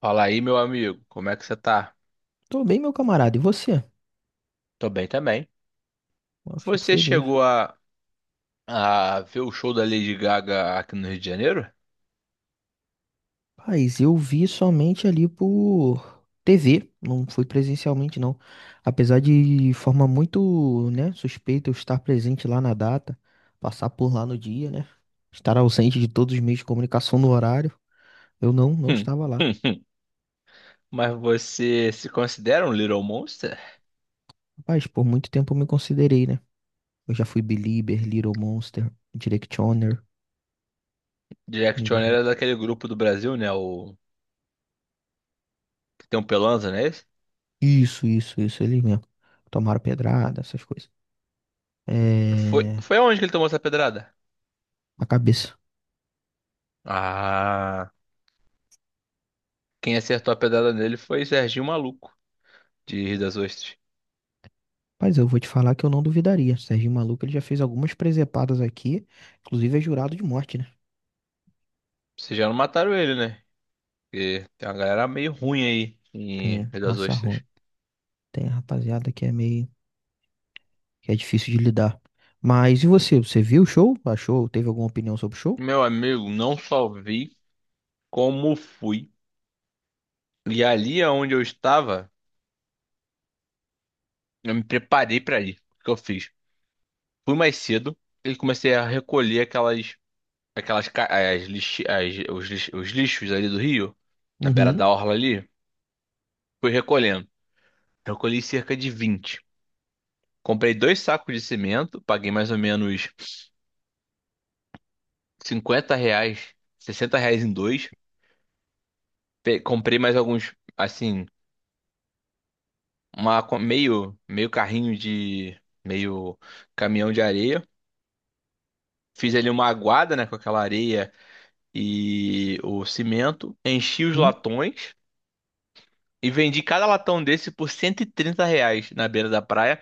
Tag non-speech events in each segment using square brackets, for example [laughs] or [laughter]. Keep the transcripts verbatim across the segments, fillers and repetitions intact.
Fala aí, meu amigo, como é que você tá? Tô bem, meu camarada. E você? Tô bem também. Eu fico Você feliz. chegou a, a ver o show da Lady Gaga aqui no Rio de Janeiro? Paz, eu vi somente ali por T V, não fui presencialmente, não. Apesar de forma muito, né, suspeita, eu estar presente lá na data, passar por lá no dia, né? Estar ausente de todos os meios de comunicação no horário, eu não, não Hum, estava lá. hum, hum. Mas você se considera um Little Monster? Rapaz, por muito tempo eu me considerei, né? Eu já fui Belieber, Little Monster, Directioner, Jack mas. era daquele grupo do Brasil, né? O que tem um Pelanza, não é esse? Isso, isso, isso, ele mesmo. Tomaram pedrada, essas coisas. Foi, É. foi aonde que ele tomou essa pedrada? A cabeça. Ah, quem acertou a pedrada nele foi Serginho Maluco, de Rio das Ostras. Mas eu vou te falar que eu não duvidaria. Serginho Maluco, ele já fez algumas presepadas aqui, inclusive é jurado de morte, né? Vocês já não mataram ele, né? Porque tem uma galera meio ruim aí em Tem Rio das raça ruim, Ostras. tem rapaziada que é meio que é difícil de lidar. Mas e você? Você viu o show? Achou? Teve alguma opinião sobre o show? Meu amigo, não só vi, como fui. E ali onde eu estava, eu me preparei para ir. O que eu fiz? Fui mais cedo e comecei a recolher aquelas, aquelas, ca- as lixi- as- os, lix- os lixos ali do rio, na beira da Uhum. orla ali. Fui recolhendo. Recolhi cerca de vinte. Comprei dois sacos de cimento, paguei mais ou menos cinquenta reais, sessenta reais em dois. Pe- Comprei mais alguns, assim, uma, co- meio, meio carrinho de, meio caminhão de areia. Fiz ali uma aguada, né, com aquela areia e o cimento. Enchi os Uhum. latões e vendi cada latão desse por cento e trinta reais na beira da praia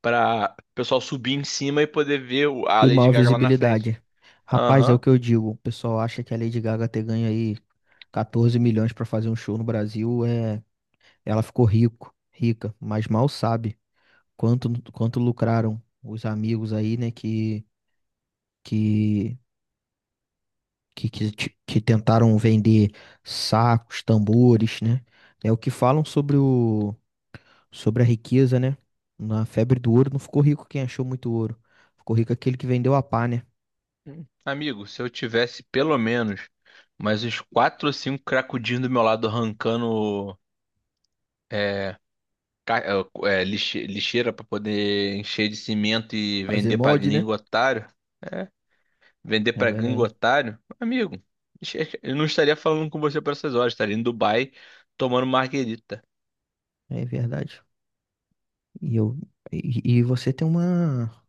para o pessoal subir em cima e poder ver o- a E Lady maior Gaga lá na frente. visibilidade. Rapaz, é o Aham. que eu digo. O pessoal acha que a Lady Gaga ter ganho aí quatorze milhões para fazer um show no Brasil, é, ela ficou rico, rica, mas mal sabe quanto quanto lucraram os amigos aí, né, que que que, que, te- que tentaram vender sacos, tambores, né? É o que falam sobre o sobre a riqueza, né? Na febre do ouro não ficou rico quem achou muito ouro. Ficou rico aquele que vendeu a pá, né? Amigo, se eu tivesse pelo menos mais uns quatro ou cinco cracudinhos do meu lado arrancando é, ca- é, lixe- lixeira para poder encher de cimento e Fazer vender pra molde, né? gringo otário. é, Vender É pra gringo verdade. otário? Amigo, [laughs] eu não estaria falando com você por essas horas, estaria em Dubai tomando marguerita. É verdade. E eu e, e você tem uma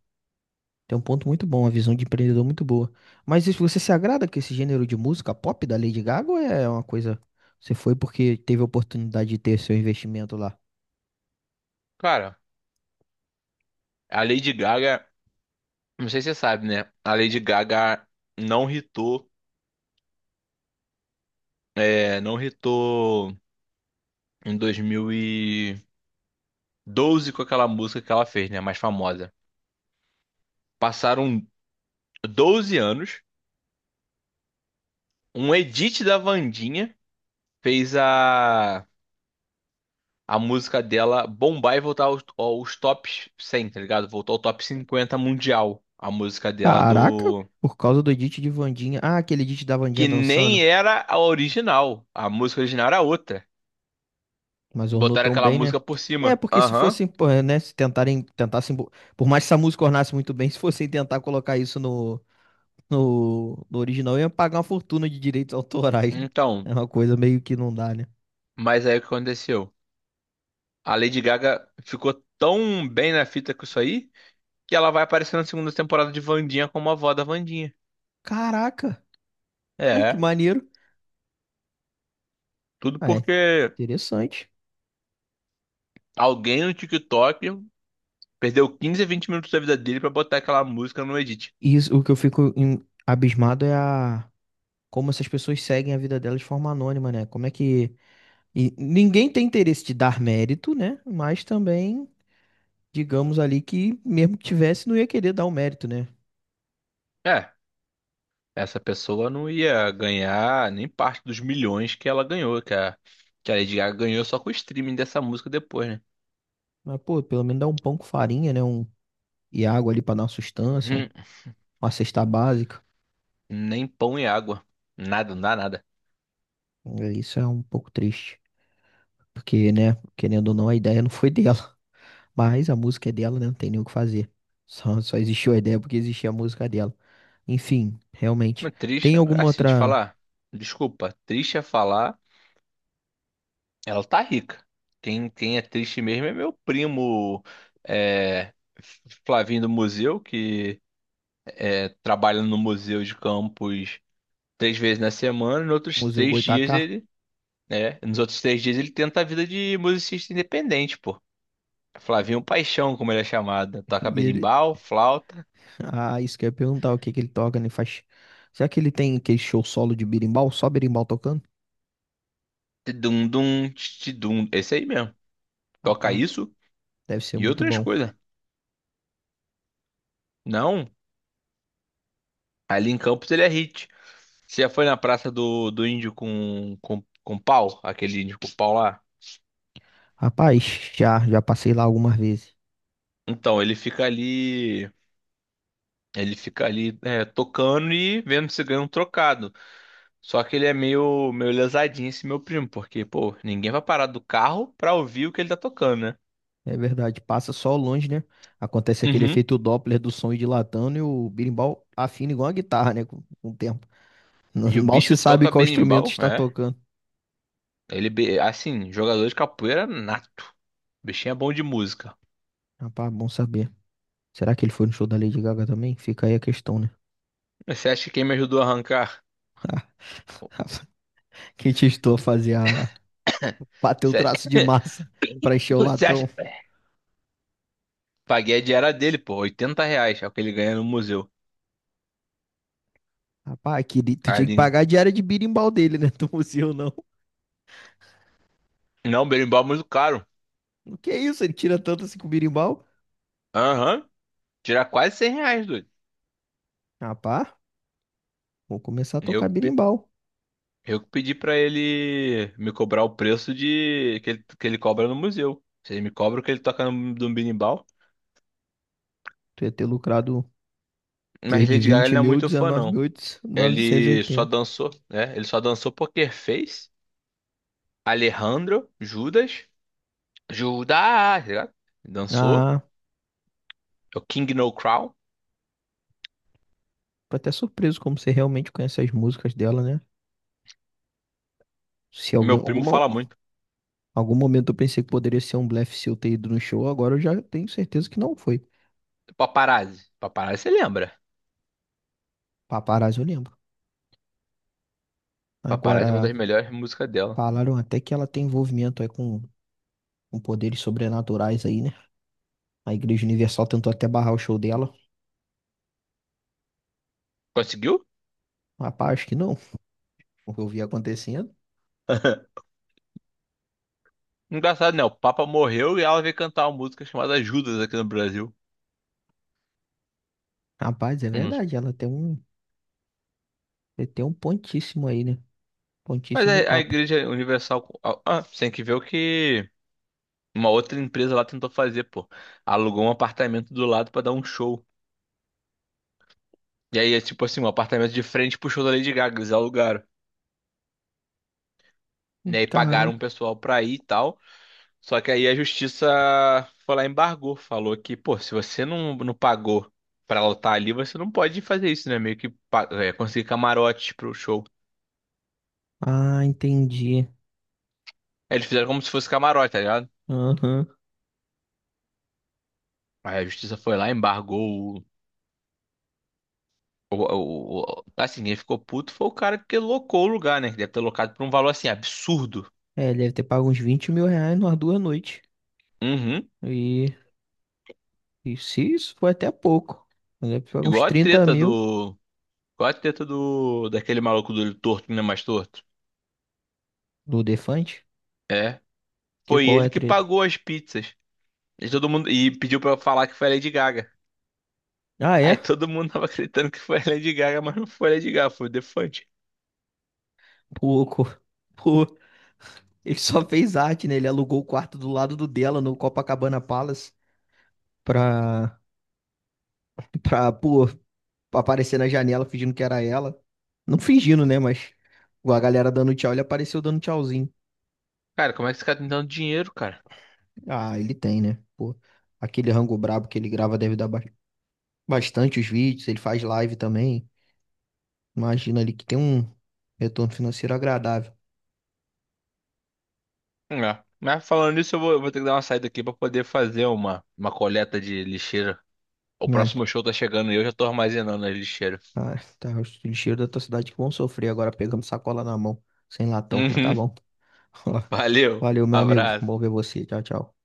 Tem um ponto muito bom, uma visão de empreendedor muito boa. Mas isso, você se agrada com esse gênero de música pop da Lady Gaga ou é uma coisa. Você foi porque teve a oportunidade de ter seu investimento lá? Cara, a Lady Gaga, não sei se você sabe, né? A Lady Gaga não hitou, é, não hitou em dois mil e doze com aquela música que ela fez, né? Mais famosa. Passaram doze anos, um edit da Wandinha fez a a música dela bombar e voltar aos, aos tops cem, tá ligado? Voltou ao top cinquenta mundial. A música dela Caraca, do. por causa do edit de Wandinha. Ah, aquele edit da Wandinha Que nem dançando. era a original. A música original era outra. Mas ornou Botaram tão aquela bem, né? música por É, cima. porque se Aham. fossem, pô, é, né, se tentarem, tentassem, bo- por mais que essa música ornasse muito bem, [laughs] se fossem tentar colocar isso no, no, no original, iam pagar uma fortuna de direitos autorais, né? Então, É uma coisa meio que não dá, né? mas aí o que aconteceu? A Lady Gaga ficou tão bem na fita com isso aí que ela vai aparecer na segunda temporada de Wandinha como a avó da Wandinha. Caraca, [laughs] que É, maneiro. tudo Ah, é, porque interessante. alguém no TikTok perdeu quinze, vinte minutos da vida dele pra botar aquela música no edit. E isso, o que eu fico em- abismado é a como essas pessoas seguem a vida delas de forma anônima, né? Como é que e ninguém tem interesse de dar mérito, né? Mas também digamos ali que mesmo que tivesse, não ia querer dar o mérito, né? É, essa pessoa não ia ganhar nem parte dos milhões que ela ganhou, que a, que a Lady Gaga ganhou só com o streaming dessa música depois, né? Mas, pô, pelo menos dá um pão com farinha, né? Um, e água ali pra dar uma sustância, um- Uhum. uma cesta básica. Nem pão e água. Nada, não dá nada. É, isso é um pouco triste. Porque, né, querendo ou não, a ideia não foi [laughs] dela. Mas a música é dela, né? Não tem nem o que fazer. Só, só existiu a ideia porque existia a música dela. Enfim, realmente. Mas triste, Tem alguma assim, te outra. falar. Desculpa, trisha é falar, ela tá rica. Quem, quem é triste mesmo é meu primo, é, Flavinho do Museu, que é, trabalha no Museu de Campos três vezes na semana, e nos outros Museu três dias Goitacá? [laughs] ele. É, nos outros três dias ele tenta a vida de musicista independente, pô. Flavinho Paixão, como ele é chamado. Toca E ele. berimbau, flauta, Ah, isso que eu ia perguntar, o que que ele toca, né? Faz. Será que ele tem aquele show solo de berimbau? Só berimbau tocando? tidum-dum, tidum. Esse aí mesmo. Toca Rapaz. isso Deve ser e muito outras bom. coisas. Não, ali em Campos ele é hit. Você já foi na praça do, do índio com, com, com pau? Aquele índio com pau lá? Rapaz, já, já passei lá algumas vezes. Então, ele fica ali. Ele fica ali é, tocando e vendo se ganha um trocado. Só que ele é meio, meio lesadinho esse meu primo, porque, pô, ninguém vai parar do carro pra ouvir o que ele tá tocando, né? É verdade, passa só longe, né? Acontece aquele Uhum. efeito Doppler do som ir dilatando e o berimbau afina igual a guitarra, né? Com, com o tempo. E [laughs] o Mal bicho se sabe toca qual instrumento berimbau, está é. tocando. Ele, be- assim, jogador de capoeira nato. O bichinho é bom de música. Rapaz, bom saber. Será que ele foi no show da Lady Gaga também? Fica aí a questão, né? Você acha que quem me ajudou a arrancar? [laughs] Quem te estou a fazer a bater o Você acha... traço de massa pra encher [coughs] o Você acha... latão. É, Paguei a diária dele, pô, oitenta reais, é o que ele ganha no museu. Rapaz, que... li- tu tinha que Ali. pagar a diária de birimbau dele, né? [laughs] Do museu, não. Não, berimbau é muito caro. O que é isso? Ele tira tanto assim com o birimbau? Aham, tira quase cem reais, doido. Rapaz. Vou começar a tocar Eu... birimbau. Eu que pedi pra ele me cobrar o preço de que ele, que ele cobra no museu. Se ele me cobra o que ele toca no, no binimbau. Tu ia ter lucrado desde Mas de Lady Gaga ele vinte não é mil, muito fã, dezenove não. mil e novecentos e Ele só oitenta. dançou, né? Ele só dançou Poker Face, Alejandro, Judas, Judas, tá ligado? Dançou. Ah, É o King No Crown. tô até surpreso como você realmente conhece as músicas dela, né? Se algum, Meu primo alguma, fala muito. algum momento eu pensei que poderia ser um blefe seu ter ido no show, agora eu já tenho certeza que não foi. Paparazzi. Paparazzi, você lembra? Paparazzi eu lembro. Paparazzi é uma Agora, das melhores músicas dela. falaram até que ela tem envolvimento aí com, com poderes sobrenaturais aí, né? A Igreja Universal tentou até barrar o show dela. Conseguiu? Rapaz, acho que não. O que eu vi acontecendo. Engraçado, né? O Papa morreu e ela veio cantar uma música chamada Judas aqui no Brasil. Rapaz, é Uhum. verdade, ela tem um, Ele tem um pontíssimo aí, né? Mas Pontíssimo a, a papo. Igreja Universal. Ah, ah, você tem que ver o que uma outra empresa lá tentou fazer, pô. Alugou um apartamento do lado pra dar um show. E aí é tipo assim, um apartamento de frente pro show da Lady Gaga, eles alugaram. Hum, E aí pagaram um Caraca. pessoal pra ir e tal. Só que aí a justiça foi lá e embargou. Falou que, pô, se você não, não pagou pra ela estar ali, você não pode fazer isso, né? Meio que pa- é, conseguir camarote pro show. Ah, entendi. Aí eles fizeram como se fosse camarote, tá ligado? Aham. Aí a justiça foi lá, embargou. O, o, o- assim, quem ficou puto foi o cara que locou o lugar, né? Que deve ter locado por um valor assim absurdo. É, ele deve ter pago uns vinte mil reais numa duas noites. Uhum. E, e se isso foi até pouco. Ele deve ter pago uns Igual a trinta treta mil do. Igual a treta do. Daquele maluco do olho torto, né? Mais torto. do Defante. É. Que Foi qual é ele a que treta? pagou as pizzas. E todo mundo. E pediu pra eu falar que foi a Lady Gaga. Ah, Aí é? todo mundo tava acreditando que foi a Lady Gaga, mas não foi a Lady Gaga, foi o Defante. Pouco. [laughs] Pô, ele só fez arte, né? Ele alugou o quarto do lado do dela no Copacabana Palace pra, [laughs] pra, pô, aparecer na janela fingindo que era ela. Não fingindo, né? Mas a galera dando tchau, ele apareceu dando tchauzinho. Cara, como é que esse cara tá me dando dinheiro, cara? Ah, ele tem, né? Pô, aquele rango brabo que ele grava deve dar ba- bastante os vídeos, ele faz live também. Imagina ali que tem um retorno financeiro agradável. É. Mas falando nisso, eu vou, eu vou ter que dar uma saída aqui pra poder fazer uma, uma coleta de lixeira. O Ah, t- próximo show tá chegando e eu já tô armazenando a lixeira. ah, tá, os lixeiros da tua cidade que vão sofrer agora pegando sacola na mão, sem latão, mas tá Uhum. bom. [laughs] Valeu, Valeu, meu amigo. abraço. Bom ver você. Tchau, tchau.